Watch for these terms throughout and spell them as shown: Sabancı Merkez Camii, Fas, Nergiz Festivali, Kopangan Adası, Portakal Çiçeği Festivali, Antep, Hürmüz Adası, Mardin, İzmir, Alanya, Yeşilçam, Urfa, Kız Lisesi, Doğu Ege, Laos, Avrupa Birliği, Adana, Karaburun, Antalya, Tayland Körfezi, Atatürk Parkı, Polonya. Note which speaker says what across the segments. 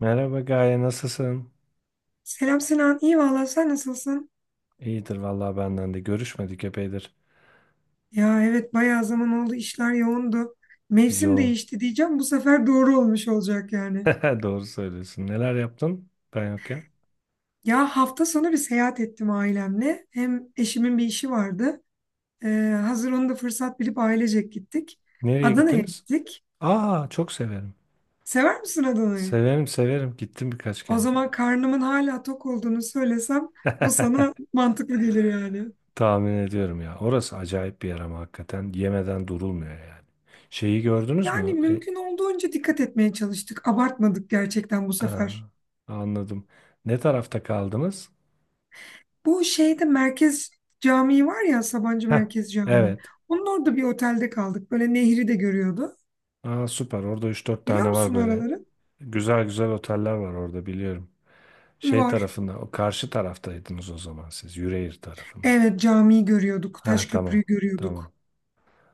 Speaker 1: Merhaba Gaye, nasılsın?
Speaker 2: Selam Sinan, iyi valla sen nasılsın?
Speaker 1: İyidir vallahi benden de. Görüşmedik epeydir.
Speaker 2: Ya evet bayağı zaman oldu işler yoğundu. Mevsim
Speaker 1: Yoğun.
Speaker 2: değişti diyeceğim bu sefer doğru olmuş olacak yani.
Speaker 1: Doğru söylüyorsun. Neler yaptın ben yokken?
Speaker 2: Ya hafta sonu bir seyahat ettim ailemle. Hem eşimin bir işi vardı. Ee, hazır onu da fırsat bilip ailecek gittik.
Speaker 1: Nereye
Speaker 2: Adana'ya
Speaker 1: gittiniz?
Speaker 2: gittik.
Speaker 1: Aa, çok severim.
Speaker 2: Sever misin Adana'yı?
Speaker 1: Severim severim. Gittim birkaç
Speaker 2: O
Speaker 1: kere.
Speaker 2: zaman karnımın hala tok olduğunu söylesem bu sana mantıklı gelir yani.
Speaker 1: Tahmin ediyorum ya. Orası acayip bir yer ama hakikaten yemeden durulmuyor yani. Şeyi gördünüz
Speaker 2: Yani
Speaker 1: mü?
Speaker 2: mümkün olduğunca dikkat etmeye çalıştık. Abartmadık gerçekten bu
Speaker 1: Aa,
Speaker 2: sefer.
Speaker 1: Anladım. Ne tarafta kaldınız?
Speaker 2: Bu şeyde merkez camii var ya, Sabancı
Speaker 1: Heh,
Speaker 2: Merkez Camii.
Speaker 1: evet.
Speaker 2: Onun orada bir otelde kaldık. Böyle nehri de görüyordu.
Speaker 1: Aa, süper. Orada üç dört
Speaker 2: Biliyor
Speaker 1: tane var
Speaker 2: musun
Speaker 1: böyle.
Speaker 2: oraları?
Speaker 1: Güzel güzel oteller var orada biliyorum. Şey
Speaker 2: Var.
Speaker 1: tarafında, o karşı taraftaydınız o zaman siz, Yüreğir tarafında.
Speaker 2: Evet, camiyi görüyorduk. Taş
Speaker 1: Ha tamam,
Speaker 2: köprüyü görüyorduk.
Speaker 1: tamam.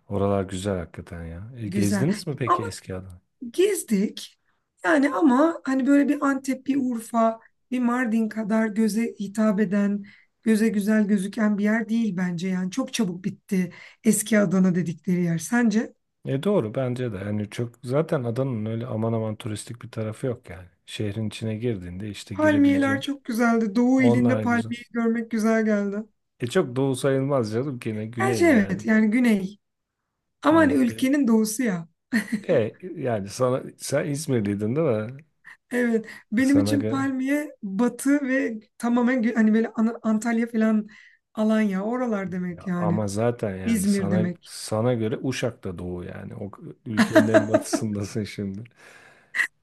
Speaker 1: Oralar güzel hakikaten ya. E,
Speaker 2: Güzel.
Speaker 1: gezdiniz mi peki
Speaker 2: Ama
Speaker 1: eski Adana?
Speaker 2: gezdik. Yani ama hani böyle bir Antep, bir Urfa, bir Mardin kadar göze hitap eden, göze güzel gözüken bir yer değil bence. Yani çok çabuk bitti eski Adana dedikleri yer. Sence?
Speaker 1: E doğru bence de. Yani çok zaten Adana'nın öyle aman aman turistik bir tarafı yok yani. Şehrin içine girdiğinde işte
Speaker 2: Palmiyeler
Speaker 1: girebileceğin.
Speaker 2: çok güzeldi. Doğu ilinde
Speaker 1: Onlar güzel.
Speaker 2: palmiye görmek güzel geldi.
Speaker 1: E çok doğu sayılmaz canım ki ne
Speaker 2: Gerçi
Speaker 1: güney yani.
Speaker 2: evet, yani güney. Ama hani
Speaker 1: Evet bir
Speaker 2: ülkenin doğusu ya.
Speaker 1: e yani sana sen İzmirliydin değil mi?
Speaker 2: Evet, benim
Speaker 1: Sana
Speaker 2: için
Speaker 1: göre.
Speaker 2: palmiye batı ve tamamen hani böyle Antalya falan, Alanya oralar demek
Speaker 1: Ya
Speaker 2: yani.
Speaker 1: ama zaten yani
Speaker 2: İzmir
Speaker 1: sana
Speaker 2: demek.
Speaker 1: sana göre Uşak'ta doğu yani. O ülkenin en batısındasın şimdi.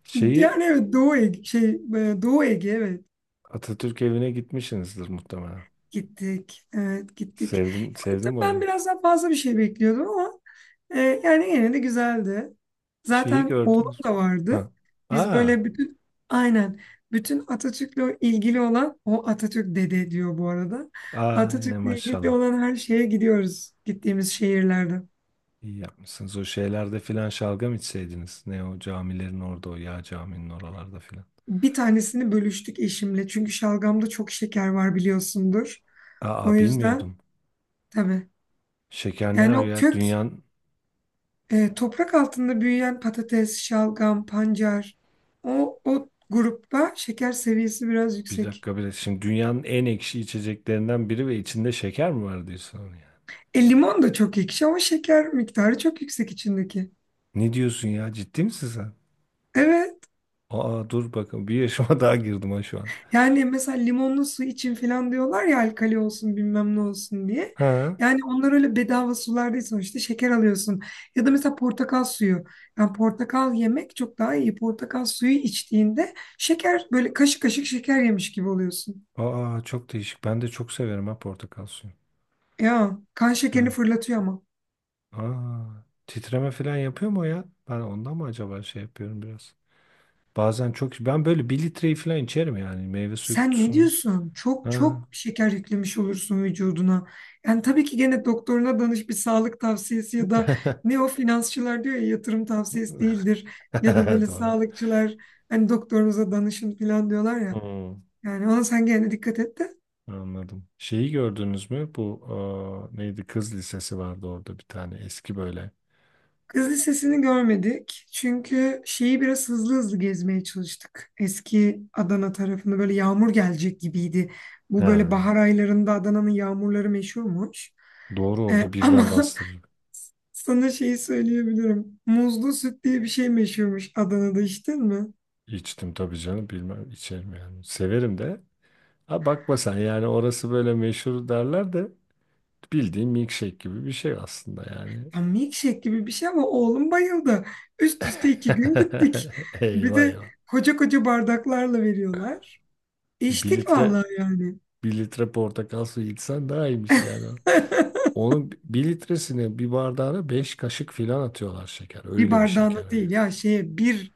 Speaker 1: Şeyi
Speaker 2: Yani evet, Doğu Ege, Doğu Ege, evet,
Speaker 1: Atatürk evine gitmişsinizdir muhtemelen.
Speaker 2: gittik. Evet, gittik.
Speaker 1: Sevdim
Speaker 2: Yani
Speaker 1: sevdim
Speaker 2: tabii
Speaker 1: mi
Speaker 2: ben
Speaker 1: orayı?
Speaker 2: biraz daha fazla bir şey bekliyordum ama yani yine de güzeldi.
Speaker 1: Şeyi
Speaker 2: Zaten oğlum
Speaker 1: gördünüz mü?
Speaker 2: da vardı.
Speaker 1: Ha.
Speaker 2: Biz
Speaker 1: Aa,
Speaker 2: böyle bütün, aynen, bütün Atatürk'le ilgili olan, o Atatürk dede diyor bu arada.
Speaker 1: aa ne
Speaker 2: Atatürk'le ilgili
Speaker 1: maşallah.
Speaker 2: olan her şeye gidiyoruz gittiğimiz şehirlerde.
Speaker 1: İyi yapmışsınız. O şeylerde filan şalgam içseydiniz. Ne o camilerin orada o yağ caminin oralarda filan.
Speaker 2: Bir tanesini bölüştük eşimle. Çünkü şalgamda çok şeker var, biliyorsundur. O
Speaker 1: Aa
Speaker 2: yüzden
Speaker 1: bilmiyordum.
Speaker 2: tabii.
Speaker 1: Şeker ne
Speaker 2: Yani o
Speaker 1: arıyor ya?
Speaker 2: kök,
Speaker 1: Dünyanın
Speaker 2: toprak altında büyüyen patates, şalgam, pancar, o grupta şeker seviyesi biraz
Speaker 1: bir
Speaker 2: yüksek.
Speaker 1: dakika bir dakika. Şimdi dünyanın en ekşi içeceklerinden biri ve içinde şeker mi var diyorsun?
Speaker 2: Limon da çok ekşi ama şeker miktarı çok yüksek içindeki.
Speaker 1: Ne diyorsun ya? Ciddi misin sen?
Speaker 2: Evet.
Speaker 1: Aa dur bakın bir yaşıma daha girdim ha şu an.
Speaker 2: Yani mesela limonlu su için falan diyorlar ya, alkali olsun bilmem ne olsun diye.
Speaker 1: Ha?
Speaker 2: Yani onlar öyle bedava sular değil, sonuçta şeker alıyorsun. Ya da mesela portakal suyu. Yani portakal yemek çok daha iyi. Portakal suyu içtiğinde şeker, böyle kaşık kaşık şeker yemiş gibi oluyorsun.
Speaker 1: Aa çok değişik. Ben de çok severim ha portakal suyu.
Speaker 2: Ya kan şekerini
Speaker 1: Evet.
Speaker 2: fırlatıyor ama.
Speaker 1: Aa titreme falan yapıyor mu o ya? Ben ondan mı acaba şey yapıyorum biraz? Bazen çok ben böyle bir litreyi falan içerim yani meyve suyu
Speaker 2: Sen ne
Speaker 1: kutusunu.
Speaker 2: diyorsun? Çok
Speaker 1: Ha.
Speaker 2: çok şeker yüklemiş olursun vücuduna. Yani tabii ki gene doktoruna danış, bir sağlık tavsiyesi ya da ne o finansçılar diyor ya, yatırım tavsiyesi değildir. Ya da böyle
Speaker 1: Doğru.
Speaker 2: sağlıkçılar hani doktorunuza danışın falan diyorlar ya.
Speaker 1: Hmm,
Speaker 2: Yani ona sen gene dikkat et de.
Speaker 1: anladım. Şeyi gördünüz mü? Bu neydi? Kız lisesi vardı orada bir tane eski böyle.
Speaker 2: Kız Lisesi'ni görmedik. Çünkü şeyi biraz hızlı hızlı gezmeye çalıştık. Eski Adana tarafını böyle, yağmur gelecek gibiydi. Bu böyle
Speaker 1: Ha.
Speaker 2: bahar aylarında Adana'nın yağmurları meşhurmuş.
Speaker 1: Doğru
Speaker 2: Ee,
Speaker 1: orada
Speaker 2: ama
Speaker 1: birden bastırır.
Speaker 2: Sana şeyi söyleyebilirim. Muzlu süt diye bir şey meşhurmuş Adana'da, içtin mi?
Speaker 1: İçtim tabii canım bilmem içerim yani. Severim de. Ha bakma sen yani orası böyle meşhur derler de bildiğin milkshake gibi bir şey aslında yani.
Speaker 2: Ya milkshake gibi bir şey ama oğlum bayıldı. Üst üste 2 gün gittik. Bir
Speaker 1: Eyvah
Speaker 2: de
Speaker 1: eyvah.
Speaker 2: koca koca bardaklarla veriyorlar.
Speaker 1: E, bir
Speaker 2: İçtik
Speaker 1: litre
Speaker 2: vallahi yani.
Speaker 1: bir litre portakal suyu içsen daha iyiymiş yani. Onun bir litresine bir bardağına 5 kaşık filan atıyorlar şeker.
Speaker 2: Bir
Speaker 1: Öyle bir şeker
Speaker 2: bardağına
Speaker 1: o yani.
Speaker 2: değil ya, şeye bir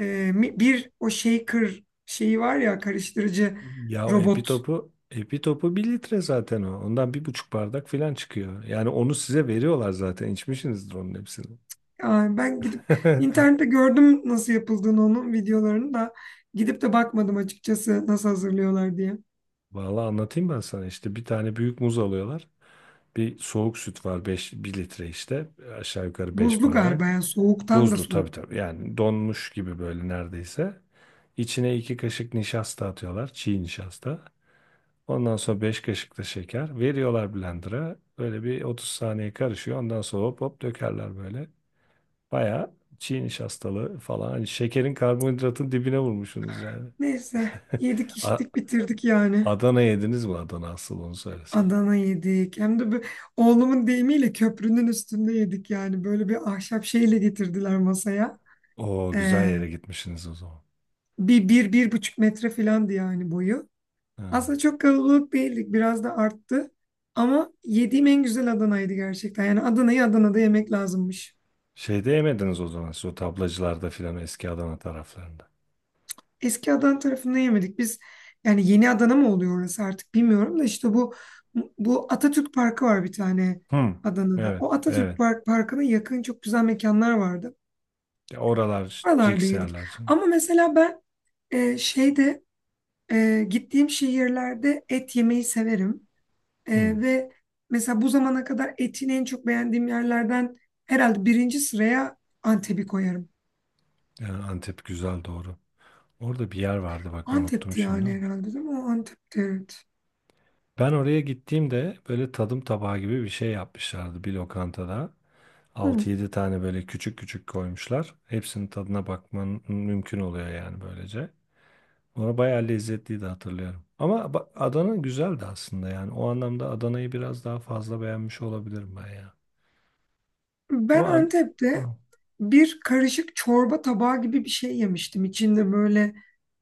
Speaker 2: e, mi- bir o shaker şeyi var ya, karıştırıcı
Speaker 1: Ya o epi
Speaker 2: robot.
Speaker 1: topu epi topu bir litre zaten o. Ondan bir buçuk bardak filan çıkıyor. Yani onu size veriyorlar zaten. İçmişsinizdir onun hepsini.
Speaker 2: Yani ben gidip internette gördüm nasıl yapıldığını, onun videolarını da gidip de bakmadım açıkçası, nasıl hazırlıyorlar diye.
Speaker 1: Vallahi anlatayım ben sana işte bir tane büyük muz alıyorlar. Bir soğuk süt var beş bir litre işte aşağı yukarı 5
Speaker 2: Buzlu
Speaker 1: bardak.
Speaker 2: galiba, yani soğuktan da
Speaker 1: Buzlu
Speaker 2: soğuk.
Speaker 1: tabii tabii yani donmuş gibi böyle neredeyse. İçine 2 kaşık nişasta atıyorlar çiğ nişasta. Ondan sonra 5 kaşık da şeker veriyorlar blender'a. Böyle bir 30 saniye karışıyor ondan sonra hop hop dökerler böyle. Baya çiğ nişastalı falan hani şekerin karbonhidratın dibine vurmuşsunuz yani.
Speaker 2: Neyse, yedik
Speaker 1: A-
Speaker 2: içtik bitirdik yani.
Speaker 1: Adana yediniz mi Adana asıl onu söylesen.
Speaker 2: Adana yedik. Hem de bu, oğlumun deyimiyle köprünün üstünde yedik yani. Böyle bir ahşap şeyle getirdiler masaya.
Speaker 1: O güzel
Speaker 2: Ee,
Speaker 1: yere gitmişsiniz o zaman.
Speaker 2: bir buçuk metre filandı yani boyu.
Speaker 1: Ha.
Speaker 2: Aslında çok kalabalık değildik. Biraz da arttı. Ama yediğim en güzel Adana'ydı gerçekten. Yani Adana'yı Adana'da yemek lazımmış.
Speaker 1: Şeyde yemediniz o zaman siz o tablacılarda filan eski Adana taraflarında.
Speaker 2: Eski Adana tarafında yemedik. Biz, yani yeni Adana mı oluyor orası artık bilmiyorum da, işte bu Atatürk Parkı var bir tane
Speaker 1: Hı.
Speaker 2: Adana'da.
Speaker 1: Evet,
Speaker 2: O
Speaker 1: evet.
Speaker 2: Parkı'na yakın çok güzel mekanlar vardı.
Speaker 1: Ya oralar
Speaker 2: Oralarda
Speaker 1: ciks
Speaker 2: yedik.
Speaker 1: yerler canım.
Speaker 2: Ama mesela ben, şeyde, gittiğim şehirlerde et yemeyi severim. E,
Speaker 1: Hı.
Speaker 2: Ve mesela bu zamana kadar etin en çok beğendiğim yerlerden herhalde birinci sıraya Antep'i koyarım.
Speaker 1: Yani Antep güzel doğru. Orada bir yer vardı bak unuttum
Speaker 2: Antep'ti
Speaker 1: şimdi
Speaker 2: yani,
Speaker 1: ama.
Speaker 2: herhalde değil mi? O Antep'ti, evet.
Speaker 1: Ben oraya gittiğimde böyle tadım tabağı gibi bir şey yapmışlardı bir lokantada. Altı
Speaker 2: Hı.
Speaker 1: yedi tane böyle küçük küçük koymuşlar. Hepsinin tadına bakman mümkün oluyor yani böylece. Ona bayağı lezzetliydi hatırlıyorum. Ama Adana güzeldi aslında yani. O anlamda Adana'yı biraz daha fazla beğenmiş olabilirim ben ya.
Speaker 2: Ben
Speaker 1: Ama an...
Speaker 2: Antep'te
Speaker 1: Hı.
Speaker 2: bir karışık çorba tabağı gibi bir şey yemiştim. İçinde böyle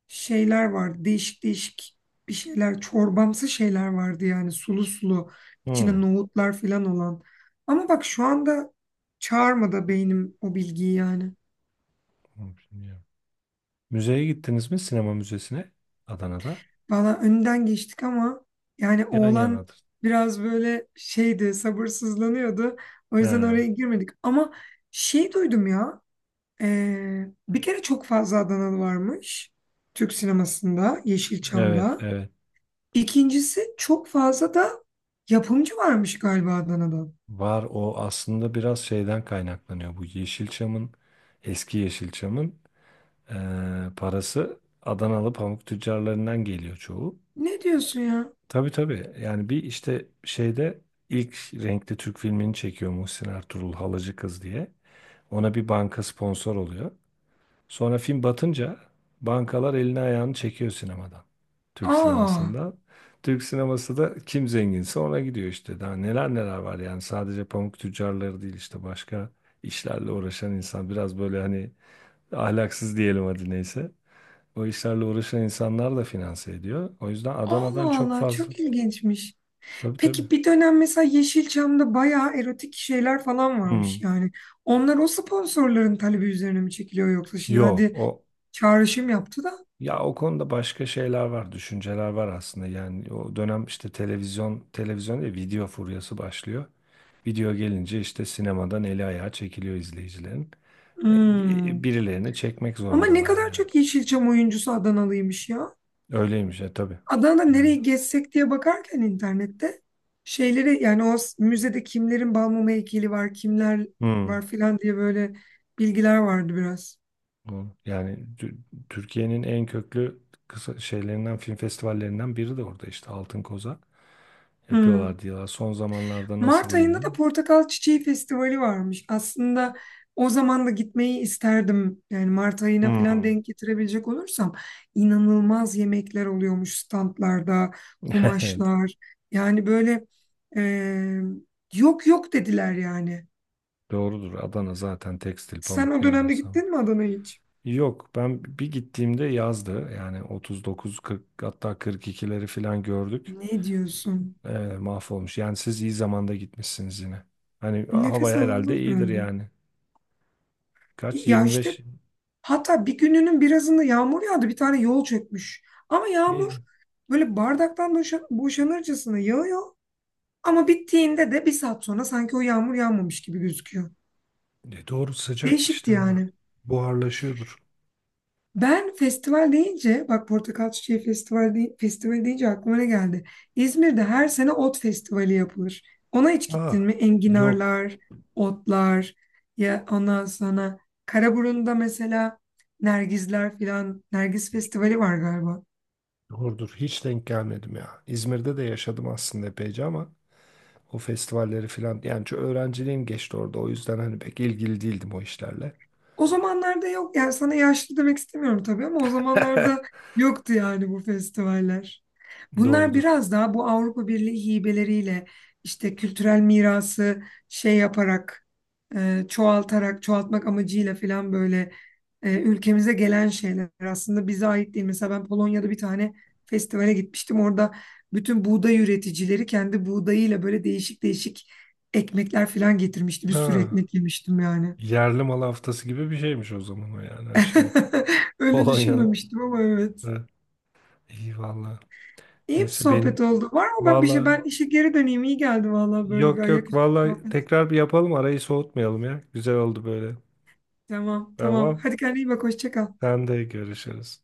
Speaker 2: şeyler vardı. Değişik değişik bir şeyler, çorbamsı şeyler vardı yani, sulu sulu, içine
Speaker 1: Hı.
Speaker 2: nohutlar falan olan. Ama bak şu anda çağırmadı beynim o bilgiyi yani.
Speaker 1: Hı, bilmiyorum. Müzeye gittiniz mi? Sinema müzesine Adana'da.
Speaker 2: Valla önden geçtik ama, yani
Speaker 1: Yan
Speaker 2: oğlan
Speaker 1: yanadır.
Speaker 2: biraz böyle şeydi, sabırsızlanıyordu. O yüzden
Speaker 1: Ha,
Speaker 2: oraya girmedik. Ama şey duydum ya. Bir kere çok fazla Adanalı varmış Türk sinemasında,
Speaker 1: evet,
Speaker 2: Yeşilçam'da.
Speaker 1: evet.
Speaker 2: İkincisi çok fazla da yapımcı varmış galiba Adana'da.
Speaker 1: Var o aslında biraz şeyden kaynaklanıyor. Bu Yeşilçam'ın, eski Yeşilçam'ın parası Adanalı pamuk tüccarlarından geliyor çoğu.
Speaker 2: Ne diyorsun ya?
Speaker 1: Tabii tabii. Yani bir işte şeyde ilk renkli Türk filmini çekiyor Muhsin Ertuğrul Halacı Kız diye. Ona bir banka sponsor oluyor. Sonra film batınca bankalar elini ayağını çekiyor sinemadan. Türk
Speaker 2: Aa,
Speaker 1: sinemasından. Türk sineması da kim zenginse ona gidiyor işte. Daha neler neler var yani. Sadece pamuk tüccarları değil işte başka işlerle uğraşan insan. Biraz böyle hani ahlaksız diyelim hadi neyse. O işlerle uğraşan insanlar da finanse ediyor. O yüzden Adana'dan
Speaker 2: Allah
Speaker 1: çok
Speaker 2: Allah,
Speaker 1: fazla.
Speaker 2: çok ilginçmiş.
Speaker 1: Tabii tabii.
Speaker 2: Peki bir dönem mesela Yeşilçam'da bayağı erotik şeyler falan
Speaker 1: Hmm.
Speaker 2: varmış yani. Onlar o sponsorların talebi üzerine mi çekiliyor yoksa, şimdi
Speaker 1: Yok
Speaker 2: hadi
Speaker 1: o
Speaker 2: çağrışım yaptı da.
Speaker 1: ya o konuda başka şeyler var, düşünceler var aslında. Yani o dönem işte televizyon, televizyon değil, video furyası başlıyor. Video gelince işte sinemadan eli ayağı çekiliyor izleyicilerin. E,
Speaker 2: Hmm.
Speaker 1: Birilerini çekmek
Speaker 2: Ama ne
Speaker 1: zorundalar
Speaker 2: kadar
Speaker 1: yani.
Speaker 2: çok Yeşilçam oyuncusu Adanalıymış ya.
Speaker 1: Öyleymiş ya tabii.
Speaker 2: Adana'da
Speaker 1: Yani
Speaker 2: nereyi gezsek diye bakarken internette şeyleri, yani müzede kimlerin Balmumu heykeli var, kimler
Speaker 1: hmm.
Speaker 2: var filan diye böyle bilgiler vardı biraz.
Speaker 1: Doğru. Yani Türkiye'nin en köklü kısa şeylerinden, film festivallerinden biri de orada işte Altın Koza
Speaker 2: Hmm.
Speaker 1: yapıyorlar diyorlar. Son zamanlarda nasıl
Speaker 2: Mart ayında da
Speaker 1: bilmiyorum.
Speaker 2: Portakal Çiçeği Festivali varmış. Aslında o zaman da gitmeyi isterdim. Yani Mart ayına falan
Speaker 1: Hmm.
Speaker 2: denk getirebilecek olursam inanılmaz yemekler oluyormuş standlarda, kumaşlar. Yani böyle eee, yok yok dediler yani.
Speaker 1: Doğrudur. Adana zaten tekstil,
Speaker 2: Sen
Speaker 1: pamuk
Speaker 2: o
Speaker 1: ne
Speaker 2: dönemde
Speaker 1: ararsan var.
Speaker 2: gittin mi Adana'ya hiç?
Speaker 1: Yok ben bir gittiğimde yazdı. Yani 39, 40 hatta 42'leri falan gördük.
Speaker 2: Ne diyorsun?
Speaker 1: Ee, Mahvolmuş. Yani siz iyi zamanda gitmişsiniz yine. Hani hava
Speaker 2: Nefes
Speaker 1: herhalde
Speaker 2: alınmaz
Speaker 1: iyidir
Speaker 2: herhalde.
Speaker 1: yani. Kaç?
Speaker 2: Ya işte,
Speaker 1: 25.
Speaker 2: hatta bir gününün birazında yağmur yağdı. Bir tane yol çökmüş. Ama yağmur
Speaker 1: Ne?
Speaker 2: böyle bardaktan boşanırcasına yağıyor. Ama bittiğinde de bir saat sonra sanki o yağmur yağmamış gibi gözüküyor.
Speaker 1: Ne doğru sıcak
Speaker 2: Değişikti
Speaker 1: işte hemen.
Speaker 2: yani.
Speaker 1: Buharlaşıyordur.
Speaker 2: Ben festival deyince, bak Portakal Çiçeği Festivali deyince aklıma ne geldi? İzmir'de her sene ot festivali yapılır. Ona hiç gittin
Speaker 1: Aa,
Speaker 2: mi?
Speaker 1: yok.
Speaker 2: Enginarlar, otlar, ya ondan sonra Karaburun'da mesela Nergizler filan, Nergiz Festivali var galiba.
Speaker 1: Doğrudur. Hiç denk gelmedim ya. İzmir'de de yaşadım aslında epeyce ama o festivalleri falan. Yani çok öğrenciliğim geçti orada. O yüzden hani pek ilgili değildim o işlerle.
Speaker 2: O zamanlarda yok, yani sana yaşlı demek istemiyorum tabii ama o zamanlarda yoktu yani bu festivaller. Bunlar
Speaker 1: Doğrudur.
Speaker 2: biraz daha bu Avrupa Birliği hibeleriyle işte kültürel mirası şey yaparak, çoğaltmak amacıyla falan böyle ülkemize gelen şeyler, aslında bize ait değil. Mesela ben Polonya'da bir tane festivale gitmiştim. Orada bütün buğday üreticileri kendi buğdayıyla böyle değişik değişik ekmekler falan getirmişti. Bir sürü
Speaker 1: Ha,
Speaker 2: ekmek yemiştim yani.
Speaker 1: yerli mal haftası gibi bir şeymiş o zaman o yani aşağı yukarı.
Speaker 2: Öyle
Speaker 1: Polonya'nın.
Speaker 2: düşünmemiştim ama evet.
Speaker 1: Ha, iyi valla.
Speaker 2: İyi bir
Speaker 1: Neyse benim.
Speaker 2: sohbet oldu. Var mı ben bir şey?
Speaker 1: Valla
Speaker 2: Ben işe geri döneyim. İyi geldi vallahi böyle bir
Speaker 1: yok yok
Speaker 2: ayaküstü
Speaker 1: valla
Speaker 2: sohbet.
Speaker 1: tekrar bir yapalım arayı soğutmayalım ya. Güzel oldu böyle.
Speaker 2: Tamam, tamam.
Speaker 1: Tamam.
Speaker 2: Hadi kendine iyi bak. Hoşça kal.
Speaker 1: Sen de görüşürüz.